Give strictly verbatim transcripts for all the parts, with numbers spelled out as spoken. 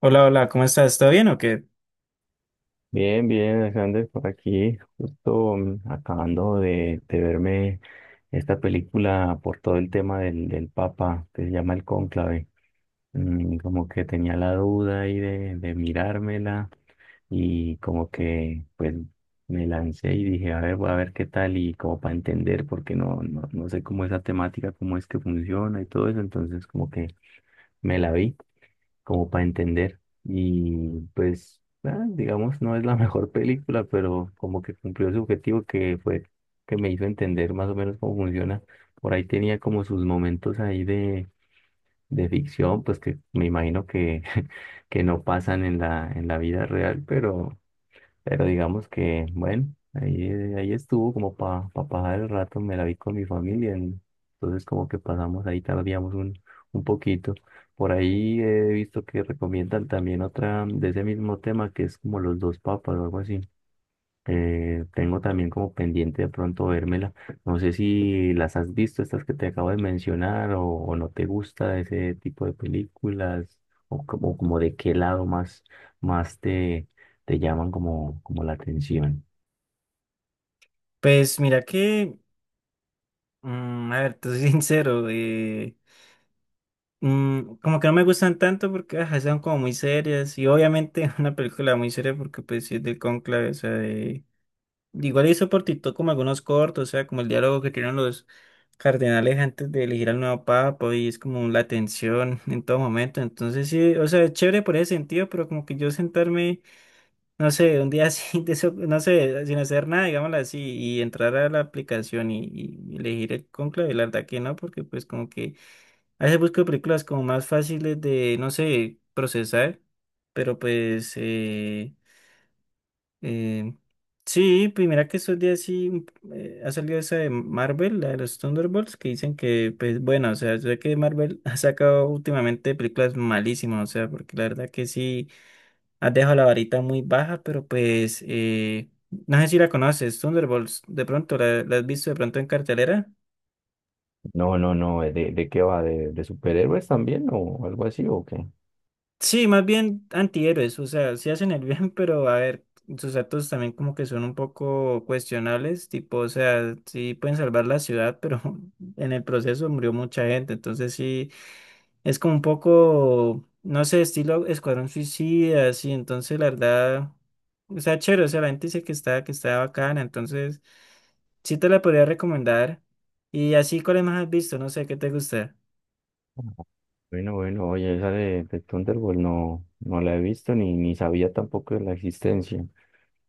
Hola, hola, ¿cómo estás? ¿Todo bien o qué? Bien, bien, Alexander, por aquí, justo mm, acabando de, de verme esta película por todo el tema del, del Papa, que se llama El Cónclave. Mm, como que tenía la duda ahí de, de mirármela y como que pues me lancé y dije, a ver, voy a ver qué tal y como para entender, porque no, no, no sé cómo es la temática, cómo es que funciona y todo eso, entonces como que me la vi como para entender. Y pues, ah, digamos, no es la mejor película, pero como que cumplió su objetivo que fue que me hizo entender más o menos cómo funciona. Por ahí tenía como sus momentos ahí de, de ficción, pues que me imagino que, que no pasan en la, en la vida real, pero pero digamos que, bueno, ahí, ahí estuvo como para pasar el rato, me la vi con mi familia, en- entonces como que pasamos ahí, tardíamos un, un poquito. Por ahí he visto que recomiendan también otra de ese mismo tema que es como los dos papas o algo así. Eh, tengo también como pendiente de pronto vérmela. No sé si las has visto, estas que te acabo de mencionar, o, o no te gusta ese tipo de películas, o como, como de qué lado más, más te, te llaman como, como la atención. Pues mira que, mm, a ver, te soy sincero, eh, mm, como que no me gustan tanto porque ajá, son como muy serias y obviamente una película muy seria porque pues sí es del cónclave, o sea, de- igual hizo por TikTok como algunos cortos, o sea, como el diálogo que tienen los cardenales antes de elegir al nuevo papa y es como la tensión en todo momento, entonces sí, o sea, es chévere por ese sentido, pero como que yo sentarme. No sé, un día así, de eso- no sé, sin hacer nada, digámoslo así, y entrar a la aplicación y, y elegir el cónclave, la verdad que no, porque pues como que a veces busco películas como más fáciles de, no sé, procesar, pero pues eh, eh, sí, pues mira que estos días sí mm, eh, ha salido esa de Marvel, la de los Thunderbolts, que dicen que, pues bueno, o sea, yo sé que Marvel ha sacado últimamente películas malísimas, o sea, porque la verdad que sí. Has dejado la varita muy baja, pero pues eh, no sé si la conoces, Thunderbolts, de pronto, ¿la, la has visto de pronto en cartelera? No, no, no, eh, ¿De, de qué va? ¿De, de superhéroes también o algo así o qué? Sí, más bien antihéroes, o sea, sí hacen el bien, pero a ver, sus actos también como que son un poco cuestionables, tipo, o sea, sí pueden salvar la ciudad, pero en el proceso murió mucha gente, entonces sí. Es como un poco, no sé, estilo Escuadrón Suicida, así, entonces la verdad, o sea, chévere, o sea, la gente dice que está, que está bacana, entonces sí te la podría recomendar. Y así, ¿cuáles más has visto? No sé, ¿qué te gusta? Bueno, bueno, oye, esa de, de Thunderbolt no, no la he visto ni, ni sabía tampoco de la existencia.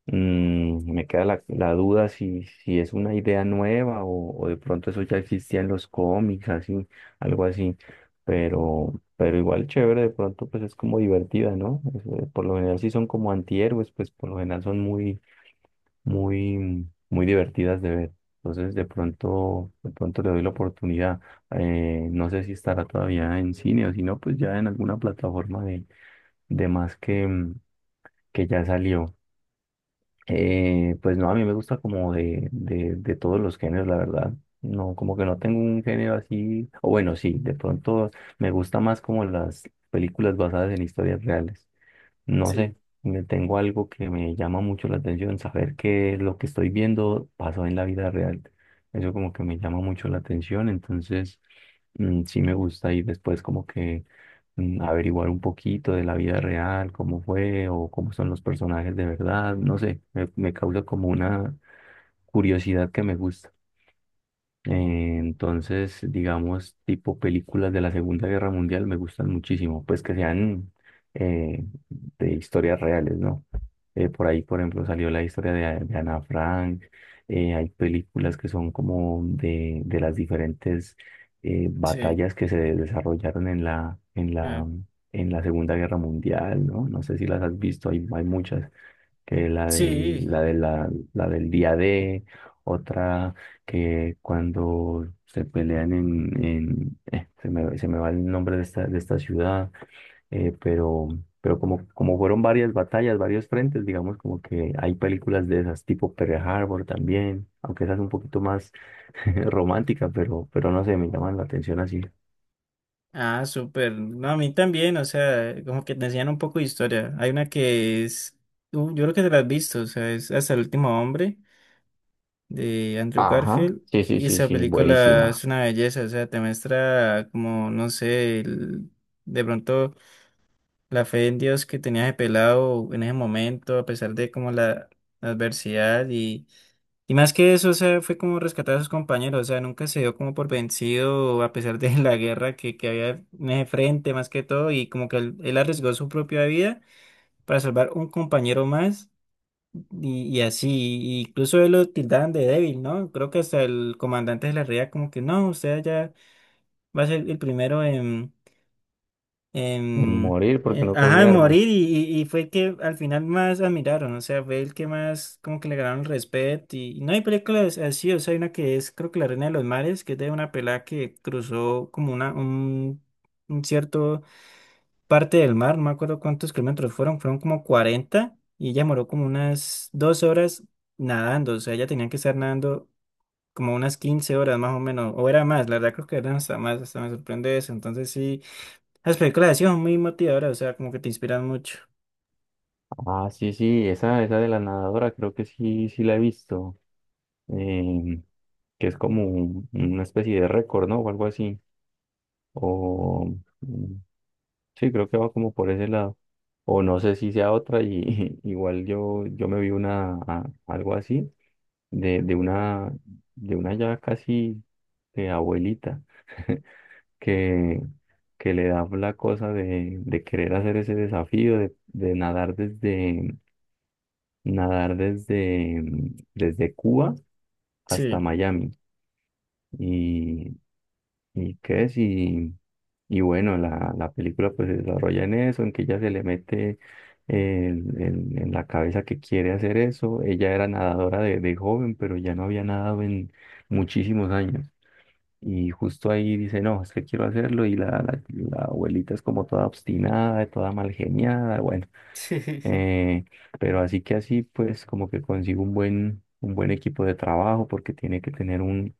Mm, me queda la, la duda si, si es una idea nueva o, o de pronto eso ya existía en los cómics, así, algo así. Pero, pero igual chévere, de pronto pues es como divertida, ¿no? Es, eh, por lo general si son como antihéroes, pues por lo general son muy, muy, muy divertidas de ver. Entonces de pronto, de pronto le doy la oportunidad. Eh, no sé si estará todavía en cine o si no, pues ya en alguna plataforma de, de más que, mm, que ya salió. Eh, pues no, a mí me gusta como de, de, de todos los géneros, la verdad. No, como que no tengo un género así, o bueno, sí, de pronto me gusta más como las películas basadas en historias reales. No sé, Sí, me tengo algo que me llama mucho la atención, saber que lo que estoy viendo pasó en la vida real. Eso como que me llama mucho la atención, entonces mm, sí me gusta y después como que mm, averiguar un poquito de la vida real, cómo fue o cómo son los personajes de verdad, no sé, me, me causa como una curiosidad que me gusta. Eh, Entonces, digamos, tipo películas de la Segunda Guerra Mundial me gustan muchísimo, pues que sean eh, de historias reales, ¿no? Eh, por ahí, por ejemplo, salió la historia de, de Ana Frank, eh, hay películas que son como de, de las diferentes eh, sí, batallas que se desarrollaron en la, en ah, la, en la Segunda Guerra Mundial, ¿no? No sé si las has visto, hay, hay muchas que la del, sí, la de la, la del día D, otra que cuando se pelean en, en eh, se me, se me va el nombre de esta, de esta ciudad, eh, pero, pero como, como fueron varias batallas, varios frentes, digamos como que hay películas de esas, tipo Pearl Harbor también, aunque esa es un poquito más romántica, pero, pero no sé, me llaman la atención así. ah, súper, no, a mí también, o sea, como que te enseñan un poco de historia, hay una que es, uh, yo creo que te la has visto, o sea, es Hasta el Último Hombre, de Andrew Ajá, Garfield. sí, sí, Y sí, esa sí, película buenísima. es una belleza, o sea, te muestra como, no sé, el- de pronto la fe en Dios que tenía ese pelado en ese momento, a pesar de como la, la adversidad y, y más que eso, o sea, fue como rescatar a sus compañeros, o sea, nunca se dio como por vencido a pesar de la guerra que, que había en ese frente más que todo y como que él, él arriesgó su propia vida para salvar un compañero más. Y, y así, incluso él lo tildaban de débil, ¿no? Creo que hasta el comandante de la reía como que no, usted ya va a ser el primero en, en, Morir porque eh, no cogí ajá, en armas. morir y, y- y fue el que al final más admiraron, o sea, fue el que más como que le ganaron el respeto y, y no hay películas así, o sea, hay una que es creo que La Reina de los Mares, que es de una pelada que cruzó como una, un, un cierto parte del mar, no me acuerdo cuántos kilómetros fueron, fueron como cuarenta y ella moró como unas dos horas nadando, o sea, ella tenía que estar nadando como unas quince horas más o menos, o era más, la verdad creo que eran hasta más, hasta me sorprende eso, entonces sí, las películas así son muy motivadoras, o sea, como que te inspiran mucho. Ah, sí, sí, esa, esa de la nadadora creo que sí, sí la he visto. em, que es como un- una especie de récord, ¿no? O algo así. O mm, sí, creo que va como por ese lado. O no sé si sea otra, y igual yo, yo me vi una a- algo así, de, de una, de una ya casi de abuelita, que, que le da la cosa de, de querer hacer ese desafío de, de nadar desde nadar desde, mm, desde Cuba hasta Sí. Miami. Y, y qué es, y, y bueno, la, la película pues se desarrolla en eso, en que ella se le mete el- el- en la cabeza que quiere hacer eso. Ella era nadadora de, de joven, pero ya no había nadado en muchísimos años. Y justo ahí dice, no, es que quiero hacerlo. Y la, la, la abuelita es como toda obstinada, toda mal geniada. Bueno, eh, pero así que así, pues como que consigo un buen, un buen equipo de trabajo porque tiene que tener un,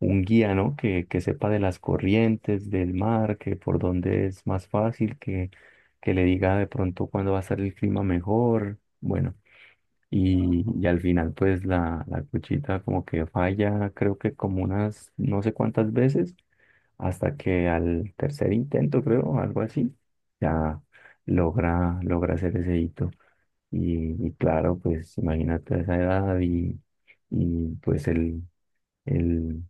un guía, ¿no? Que, que sepa de las corrientes del mar, que por dónde es más fácil, que, que le diga de pronto cuándo va a estar el clima mejor. Bueno, y, y al final pues la, la cuchita como que falla, creo que como unas no sé cuántas veces, hasta que al tercer intento, creo, algo así, ya logra, logra hacer ese hito. Y, y claro, pues imagínate a esa edad y, y pues el, el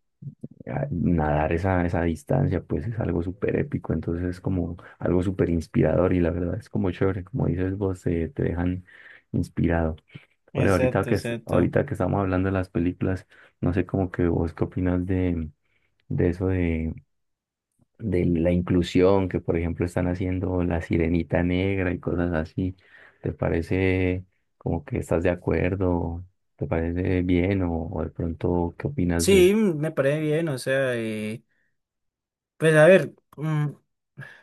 a- nadar esa, esa distancia, pues es algo súper épico, entonces es como algo súper inspirador y la verdad es como chévere, como dices vos, eh, te dejan inspirado. Oye, ahorita Exacto, que, es- exacto. ahorita que estamos hablando de las películas, no sé como que vos qué opinas de, de eso de la inclusión que, por ejemplo, están haciendo la sirenita negra y cosas así. ¿Te parece como que estás de acuerdo? ¿Te parece bien o, o de pronto qué opinas de eso? Sí, me parece bien, o sea, eh, pues a ver. mm,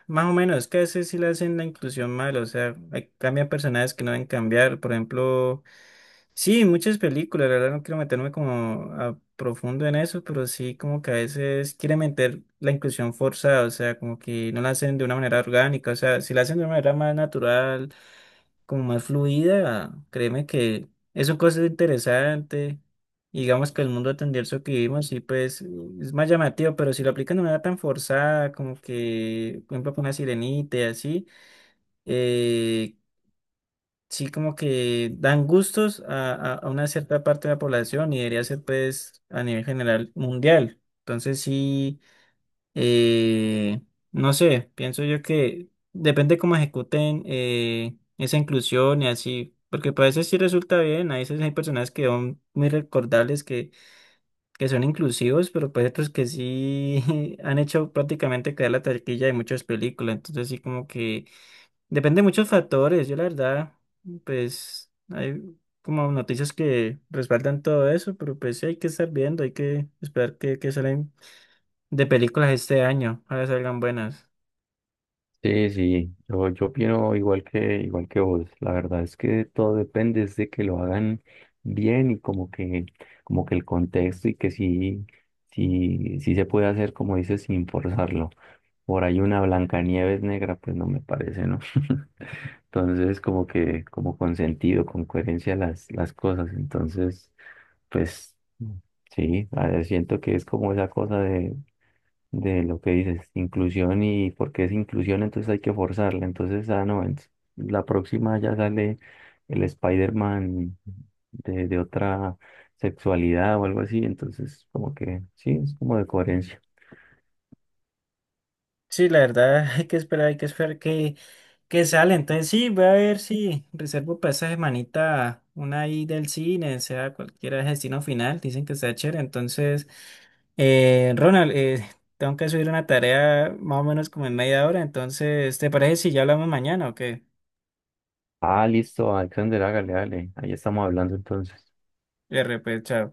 Más o menos, es que a veces sí le hacen la inclusión mal, o sea, hay- cambian personajes que no deben cambiar, por ejemplo, sí, muchas películas, la verdad no quiero meterme como a profundo en eso, pero sí como que a veces quieren meter la inclusión forzada, o sea, como que no la hacen de una manera orgánica, o sea, si la hacen de una manera más natural como más fluida, créeme que es un cosa interesante. Y digamos que el mundo tendencioso que vivimos, sí, pues es más llamativo, pero si lo aplican de manera tan forzada, como que, por ejemplo, con una sirenita y así, eh, sí, como que dan gustos a, a, a una cierta parte de la población y debería ser, pues, a nivel general mundial. Entonces, sí. Eh, no sé, pienso yo que depende cómo ejecuten eh, esa inclusión y así, porque para veces sí resulta bien, a veces hay personas que son muy recordables, que, que son inclusivos, pero pues otros que sí han hecho prácticamente caer la taquilla de muchas películas, entonces sí como que depende de muchos factores, yo la verdad, pues hay como noticias que respaldan todo eso, pero pues sí hay que estar viendo, hay que esperar que, que salen de películas este año. Ojalá salgan buenas. Sí, sí, yo, yo opino igual que, igual que vos. La verdad es que todo depende es de que lo hagan bien y como que, como que el contexto y que sí, sí, sí se puede hacer, como dices, sin forzarlo. Por ahí una Blancanieves negra, pues no me parece, ¿no? Entonces, como que, como con sentido, con coherencia las, las cosas. Entonces, pues sí, a ver, siento que es como esa cosa de, de lo que dices, inclusión y porque es inclusión, entonces hay que forzarla. Entonces, ah, no, ent- la próxima ya sale el Spider-Man de, de otra sexualidad o algo así. Entonces, como que sí, es como de coherencia. Sí, la verdad, hay que esperar, hay que esperar que, que sale. Entonces sí, voy a ver si reservo para esa semanita una ahí del cine, sea cualquiera destino final. Dicen que está chévere. Entonces, eh, Ronald, eh, tengo que subir una tarea más o menos como en media hora. Entonces, ¿te parece si ya hablamos mañana o qué? Ah, listo, Alexander, hágale, hágale. Ahí estamos hablando entonces. R, pues, chao.